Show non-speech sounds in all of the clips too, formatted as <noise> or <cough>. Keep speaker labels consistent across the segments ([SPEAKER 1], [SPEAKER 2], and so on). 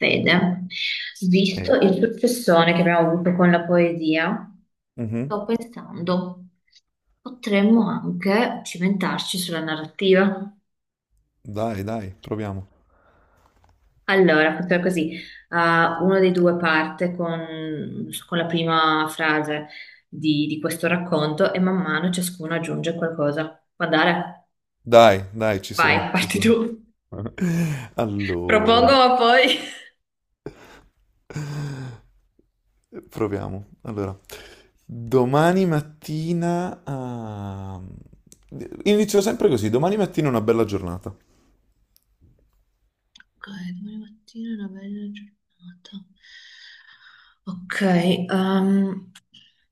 [SPEAKER 1] Fede, visto
[SPEAKER 2] Eh,
[SPEAKER 1] il successone che abbiamo avuto con la poesia,
[SPEAKER 2] mhm.
[SPEAKER 1] sto pensando, potremmo anche cimentarci sulla narrativa.
[SPEAKER 2] Dai, dai, proviamo.
[SPEAKER 1] Allora, facciamo così, uno dei due parte con la prima frase di questo racconto e man mano ciascuno aggiunge qualcosa. Può andare?
[SPEAKER 2] Dai, dai, ci
[SPEAKER 1] Vai,
[SPEAKER 2] sono, ci
[SPEAKER 1] parti tu.
[SPEAKER 2] sono. <laughs>
[SPEAKER 1] Propongo,
[SPEAKER 2] Allora,
[SPEAKER 1] ma poi...
[SPEAKER 2] proviamo. Allora, domani mattina... ah, Inizio sempre così, domani mattina è una bella giornata.
[SPEAKER 1] Ok, domani mattina è una bella giornata. Ok, ehm,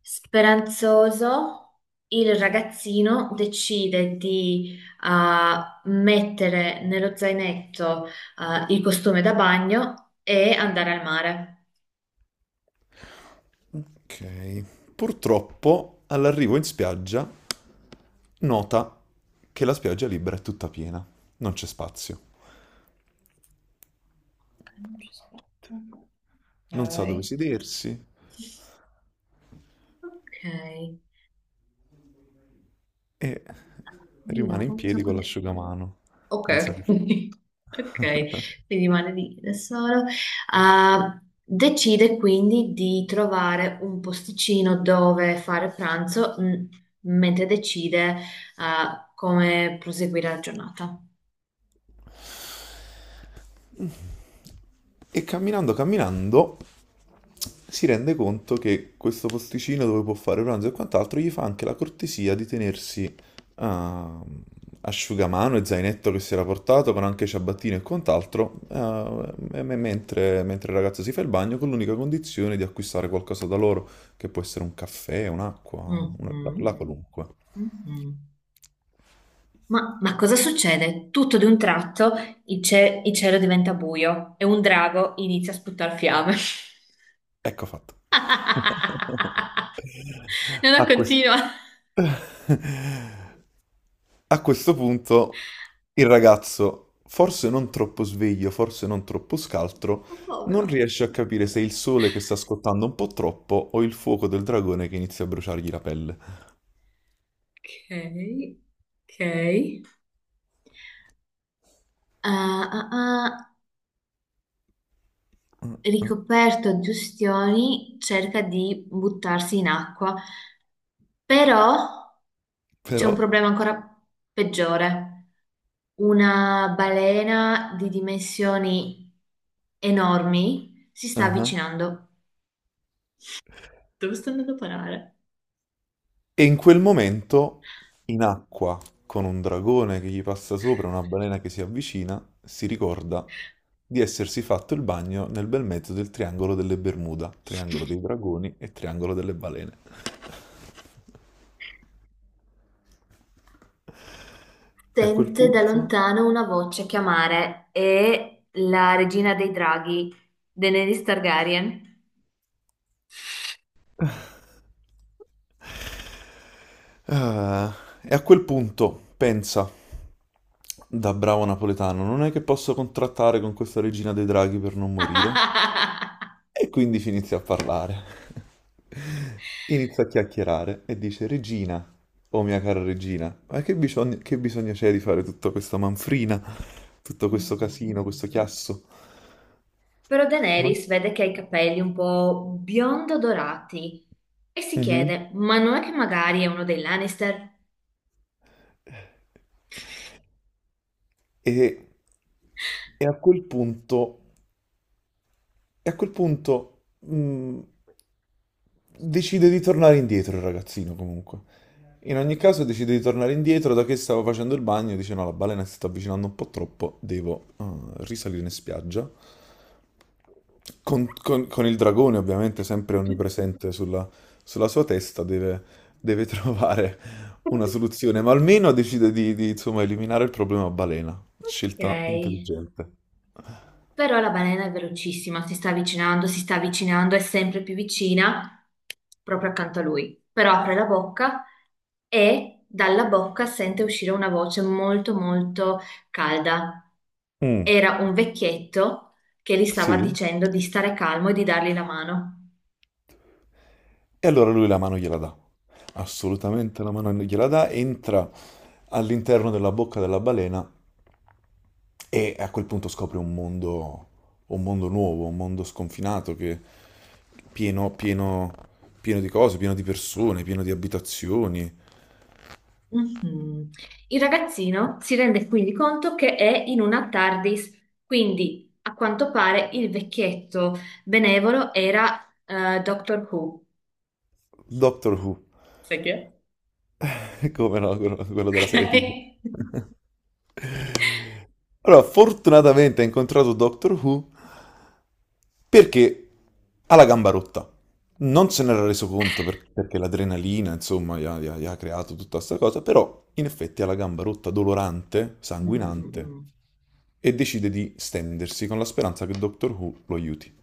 [SPEAKER 1] speranzoso, il ragazzino decide di mettere nello zainetto il costume da bagno e andare al mare.
[SPEAKER 2] Ok. Purtroppo, all'arrivo in spiaggia, nota che la spiaggia libera è tutta piena, non c'è spazio.
[SPEAKER 1] Non ci aspetto.
[SPEAKER 2] Non sa dove
[SPEAKER 1] Ok.
[SPEAKER 2] sedersi
[SPEAKER 1] Ok.
[SPEAKER 2] e
[SPEAKER 1] Io,
[SPEAKER 2] rimane in
[SPEAKER 1] non so
[SPEAKER 2] piedi con l'asciugamano.
[SPEAKER 1] Ok,
[SPEAKER 2] Non sa che fa.
[SPEAKER 1] <laughs> ok, quindi rimane lì da solo. Decide quindi di trovare un posticino dove fare pranzo, mentre decide, come proseguire la giornata.
[SPEAKER 2] E camminando, camminando, si rende conto che questo posticino dove può fare pranzo e quant'altro gli fa anche la cortesia di tenersi ah, asciugamano e zainetto che si era portato, con anche ciabattino e quant'altro, mentre il ragazzo si fa il bagno, con l'unica condizione di acquistare qualcosa da loro, che può essere un caffè, un'acqua, la
[SPEAKER 1] Mhm,
[SPEAKER 2] qualunque.
[SPEAKER 1] mhm. Ma cosa succede? Tutto di un tratto il cielo diventa buio e un drago inizia a sputare fiamme.
[SPEAKER 2] Ecco fatto. <laughs>
[SPEAKER 1] <laughs> No, no,
[SPEAKER 2] A questo.
[SPEAKER 1] continua.
[SPEAKER 2] <laughs> A questo punto il ragazzo, forse non troppo sveglio, forse non troppo scaltro,
[SPEAKER 1] Oh,
[SPEAKER 2] non
[SPEAKER 1] povero.
[SPEAKER 2] riesce a capire se è il sole che sta scottando un po' troppo o il fuoco del dragone che inizia a bruciargli la pelle.
[SPEAKER 1] Ok, ok. Ah, ah, ah,
[SPEAKER 2] Mm. Mm.
[SPEAKER 1] ricoperto di ustioni, cerca di buttarsi in acqua, però c'è
[SPEAKER 2] Però.
[SPEAKER 1] un problema ancora peggiore. Una balena di dimensioni enormi si sta
[SPEAKER 2] Mhm.
[SPEAKER 1] avvicinando. Dove sto andando a parare?
[SPEAKER 2] E in quel momento, in acqua, con un dragone che gli passa sopra, una balena che si avvicina, si ricorda di essersi fatto il bagno nel bel mezzo del triangolo delle Bermuda, triangolo dei dragoni e triangolo delle balene. E a quel
[SPEAKER 1] Sente da
[SPEAKER 2] punto...
[SPEAKER 1] lontano una voce chiamare è la regina dei draghi, Daenerys Targaryen.
[SPEAKER 2] Ah, e a quel punto, pensa, da bravo napoletano, non è che posso contrattare con questa regina dei draghi per non morire?
[SPEAKER 1] <laughs>
[SPEAKER 2] E quindi inizia a parlare. <laughs> Inizia a chiacchierare e dice, Regina, oh mia cara regina, ma che bisogno c'è di fare tutta questa manfrina, tutto questo casino,
[SPEAKER 1] Mhm.
[SPEAKER 2] questo chiasso?
[SPEAKER 1] Però
[SPEAKER 2] No?
[SPEAKER 1] Daenerys vede che ha i capelli un po' biondo dorati e si
[SPEAKER 2] Mhm.
[SPEAKER 1] chiede, ma non è che magari è uno dei Lannister?
[SPEAKER 2] E, e a quel punto, e a quel punto decide di tornare indietro il ragazzino comunque. In ogni caso decide di tornare indietro, da che stavo facendo il bagno, dice no, la balena si sta avvicinando un po' troppo, devo risalire in spiaggia. Con il dragone ovviamente sempre
[SPEAKER 1] <laughs>
[SPEAKER 2] onnipresente sulla sua testa, deve <laughs> trovare una soluzione, ma almeno decide di, insomma, eliminare il problema balena. Scelta
[SPEAKER 1] Ok.
[SPEAKER 2] intelligente.
[SPEAKER 1] Però la balena è velocissima, si sta avvicinando, è sempre più vicina, proprio accanto a lui. Però apre la bocca e dalla bocca sente uscire una voce molto molto calda.
[SPEAKER 2] Mm,
[SPEAKER 1] Era un vecchietto che gli stava
[SPEAKER 2] sì.
[SPEAKER 1] dicendo di stare calmo e di dargli la mano.
[SPEAKER 2] E allora lui la mano gliela dà. Assolutamente la mano gliela dà, entra all'interno della bocca della balena e a quel punto scopre un mondo nuovo, un mondo sconfinato che pieno, pieno, pieno di cose, pieno di persone, pieno di abitazioni.
[SPEAKER 1] Mhm. Il ragazzino si rende quindi conto che è in una TARDIS, quindi a quanto pare il vecchietto benevolo era Doctor Who.
[SPEAKER 2] Doctor Who,
[SPEAKER 1] Sai chi è?
[SPEAKER 2] <laughs> come no, quello della
[SPEAKER 1] Ok?
[SPEAKER 2] serie
[SPEAKER 1] <laughs>
[SPEAKER 2] TV. <laughs> Allora, fortunatamente ha incontrato Doctor Who perché ha la gamba rotta. Non se n'era reso conto perché l'adrenalina, insomma, gli ha creato tutta questa cosa, però in effetti ha la gamba rotta, dolorante,
[SPEAKER 1] Mm, mm,
[SPEAKER 2] sanguinante,
[SPEAKER 1] mm.
[SPEAKER 2] e decide di stendersi con la speranza che Doctor Who lo aiuti.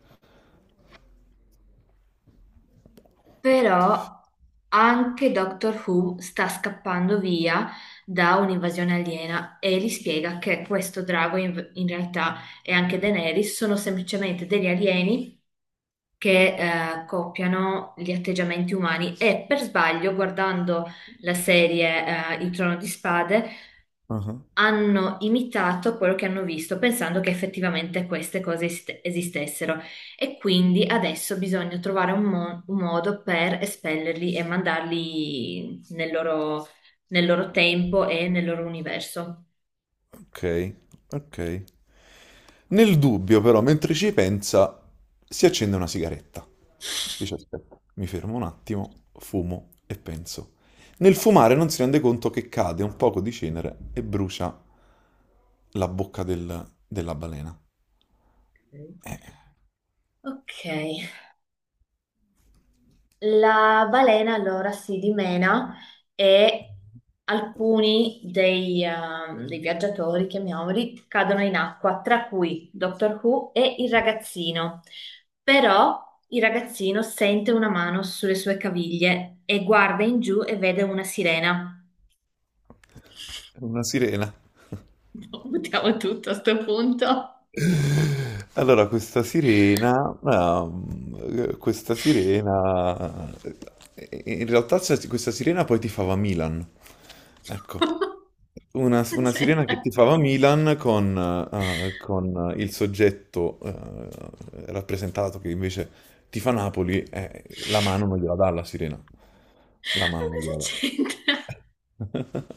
[SPEAKER 1] Però anche Doctor Who sta scappando via da un'invasione aliena e gli spiega che questo drago in realtà e anche Daenerys sono semplicemente degli alieni che copiano gli atteggiamenti umani e per sbaglio, guardando la serie Il Trono di Spade,
[SPEAKER 2] Ah,
[SPEAKER 1] hanno imitato quello che hanno visto, pensando che effettivamente queste cose esistessero. E quindi adesso bisogna trovare un modo per espellerli e mandarli nel loro tempo e nel loro universo.
[SPEAKER 2] ok, ok. Nel dubbio, però, mentre ci pensa, si accende una sigaretta. Dice, aspetta, mi fermo un attimo, fumo e penso. Nel fumare non si rende conto che cade un poco di cenere e brucia la bocca della balena.
[SPEAKER 1] Ok, la balena allora si dimena e alcuni dei viaggiatori, chiamiamoli, cadono in acqua, tra cui Doctor Who e il ragazzino. Però il ragazzino sente una mano sulle sue caviglie e guarda in giù e vede una sirena.
[SPEAKER 2] È una sirena.
[SPEAKER 1] <laughs> Buttiamo tutto a sto punto.
[SPEAKER 2] Allora, questa sirena poi tifava Milan,
[SPEAKER 1] <laughs>
[SPEAKER 2] ecco, una,
[SPEAKER 1] Cosa
[SPEAKER 2] una sirena che
[SPEAKER 1] c'entra.
[SPEAKER 2] tifava Milan con il soggetto rappresentato che invece tifa Napoli, la mano non gliela dà alla sirena, la
[SPEAKER 1] Ma
[SPEAKER 2] mano non
[SPEAKER 1] cosa
[SPEAKER 2] gliela dà.
[SPEAKER 1] c'entra?
[SPEAKER 2] <laughs>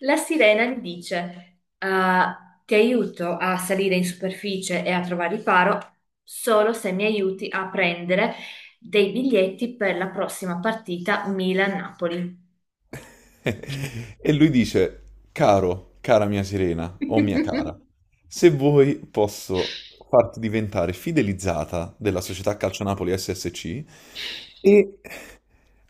[SPEAKER 1] La sirena gli dice, "Ah, ti aiuto a salire in superficie e a trovare riparo solo se mi aiuti a prendere dei biglietti per la prossima partita Milan-Napoli."
[SPEAKER 2] <laughs> E lui dice, cara mia sirena o mia cara,
[SPEAKER 1] <laughs>
[SPEAKER 2] se vuoi posso farti diventare fidelizzata della società Calcio Napoli SSC e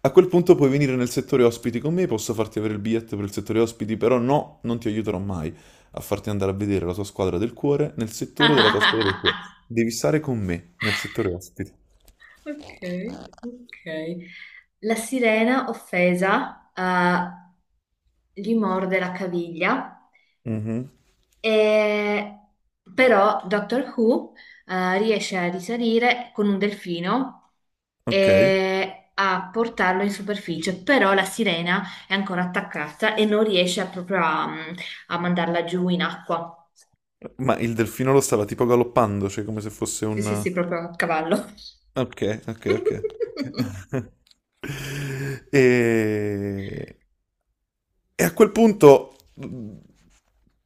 [SPEAKER 2] a quel punto puoi venire nel settore ospiti con me, posso farti avere il biglietto per il settore ospiti, però no, non ti aiuterò mai a farti andare a vedere la tua squadra del cuore nel settore della tua squadra del cuore. Devi stare con me nel settore ospiti.
[SPEAKER 1] Ok, ok. La sirena offesa, gli morde la caviglia.
[SPEAKER 2] Mhm.
[SPEAKER 1] E- Però Doctor Who riesce a risalire con un delfino
[SPEAKER 2] Ok.
[SPEAKER 1] e a portarlo in superficie, però la sirena è ancora attaccata e non riesce proprio a, a mandarla giù in acqua.
[SPEAKER 2] Ma il delfino lo stava tipo galoppando, cioè come se fosse
[SPEAKER 1] Sì, sì,
[SPEAKER 2] un?
[SPEAKER 1] sì, proprio a cavallo.
[SPEAKER 2] Ok, ok, ok. Ok.
[SPEAKER 1] <laughs>
[SPEAKER 2] <laughs> E... e a quel punto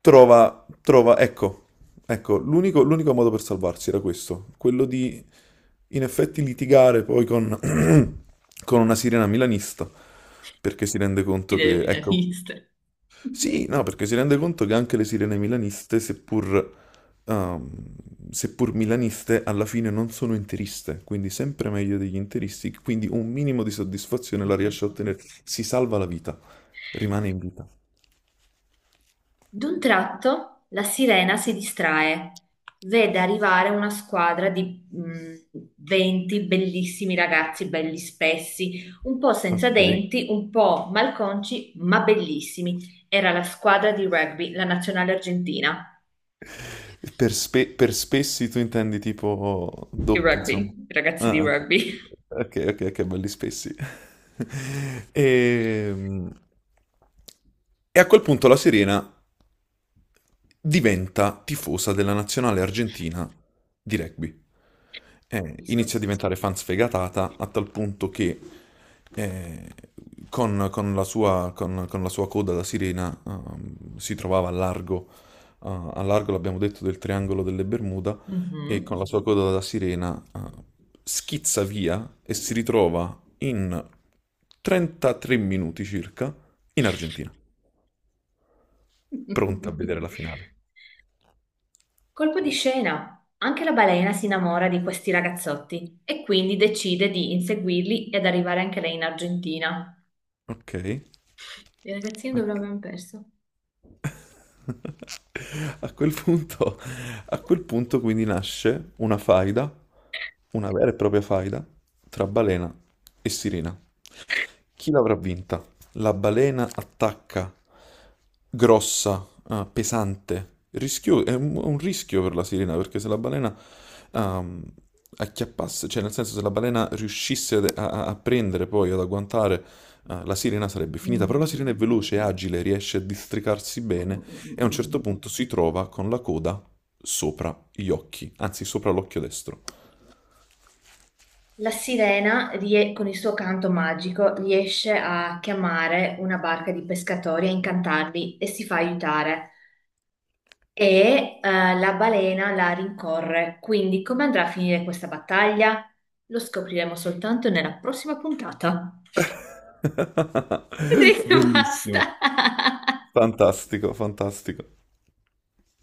[SPEAKER 2] ecco, ecco, l'unico modo per salvarsi era questo, quello di in effetti litigare poi <clears throat> con una sirena milanista, perché si rende conto
[SPEAKER 1] Idee
[SPEAKER 2] che, ecco,
[SPEAKER 1] milaniste. <laughs>
[SPEAKER 2] sì, no, perché si rende conto che anche le sirene milaniste, ehm, seppur milaniste, alla fine non sono interiste, quindi sempre meglio degli interisti, quindi un minimo di soddisfazione la riesce a
[SPEAKER 1] Madonna.
[SPEAKER 2] ottenere. Si salva la vita, rimane in vita.
[SPEAKER 1] D'un tratto la sirena si distrae, vede arrivare una squadra di mm, 20 bellissimi ragazzi, belli spessi, un po' senza
[SPEAKER 2] Ok.
[SPEAKER 1] denti, un po' malconci, ma bellissimi. Era la squadra di rugby, la nazionale argentina.
[SPEAKER 2] Per spessi tu intendi tipo
[SPEAKER 1] Di
[SPEAKER 2] doppi, insomma.
[SPEAKER 1] rugby, i ragazzi di
[SPEAKER 2] Ah, ah, sì.
[SPEAKER 1] rugby.
[SPEAKER 2] Ok, ok, ok, belli spessi. <laughs> Ehm, E a quel punto la Serena diventa tifosa della nazionale argentina di rugby,
[SPEAKER 1] Non capisco.
[SPEAKER 2] inizia a diventare fan sfegatata a tal punto che eh, con la sua coda da sirena si trovava a largo l'abbiamo detto, del triangolo delle Bermuda, e
[SPEAKER 1] Mhm.
[SPEAKER 2] con la sua coda da sirena schizza via e si ritrova in 33 minuti circa in Argentina, pronta a vedere
[SPEAKER 1] <laughs>
[SPEAKER 2] la finale.
[SPEAKER 1] Colpo di scena. Anche la balena si innamora di questi ragazzotti e quindi decide di inseguirli ed arrivare anche lei in Argentina.
[SPEAKER 2] Ok.
[SPEAKER 1] Le ragazzine dove
[SPEAKER 2] Ok.
[SPEAKER 1] l'abbiamo perso?
[SPEAKER 2] <laughs> A quel punto, a quel punto, quindi nasce una faida, una vera e propria faida tra balena e sirena. Chi l'avrà vinta? La balena attacca, grossa, pesante, è un rischio per la sirena perché se la balena ehm, acchiappasse, cioè nel senso se la balena riuscisse a prendere poi, ad agguantare, la sirena sarebbe finita, però la sirena è
[SPEAKER 1] Mhm.
[SPEAKER 2] veloce, è agile, riesce a districarsi
[SPEAKER 1] Mm,
[SPEAKER 2] bene
[SPEAKER 1] mm, mm,
[SPEAKER 2] e a un certo
[SPEAKER 1] mm.
[SPEAKER 2] punto si trova con la coda sopra gli occhi, anzi sopra l'occhio destro.
[SPEAKER 1] La sirena, con il suo canto magico, riesce a chiamare una barca di pescatori, a incantarli e si fa aiutare. E la balena la rincorre. Quindi, come andrà a finire questa battaglia? Lo scopriremo soltanto nella prossima puntata. <laughs>
[SPEAKER 2] <laughs>
[SPEAKER 1] Vedrete,
[SPEAKER 2] Bellissimo,
[SPEAKER 1] basta.
[SPEAKER 2] fantastico, fantastico.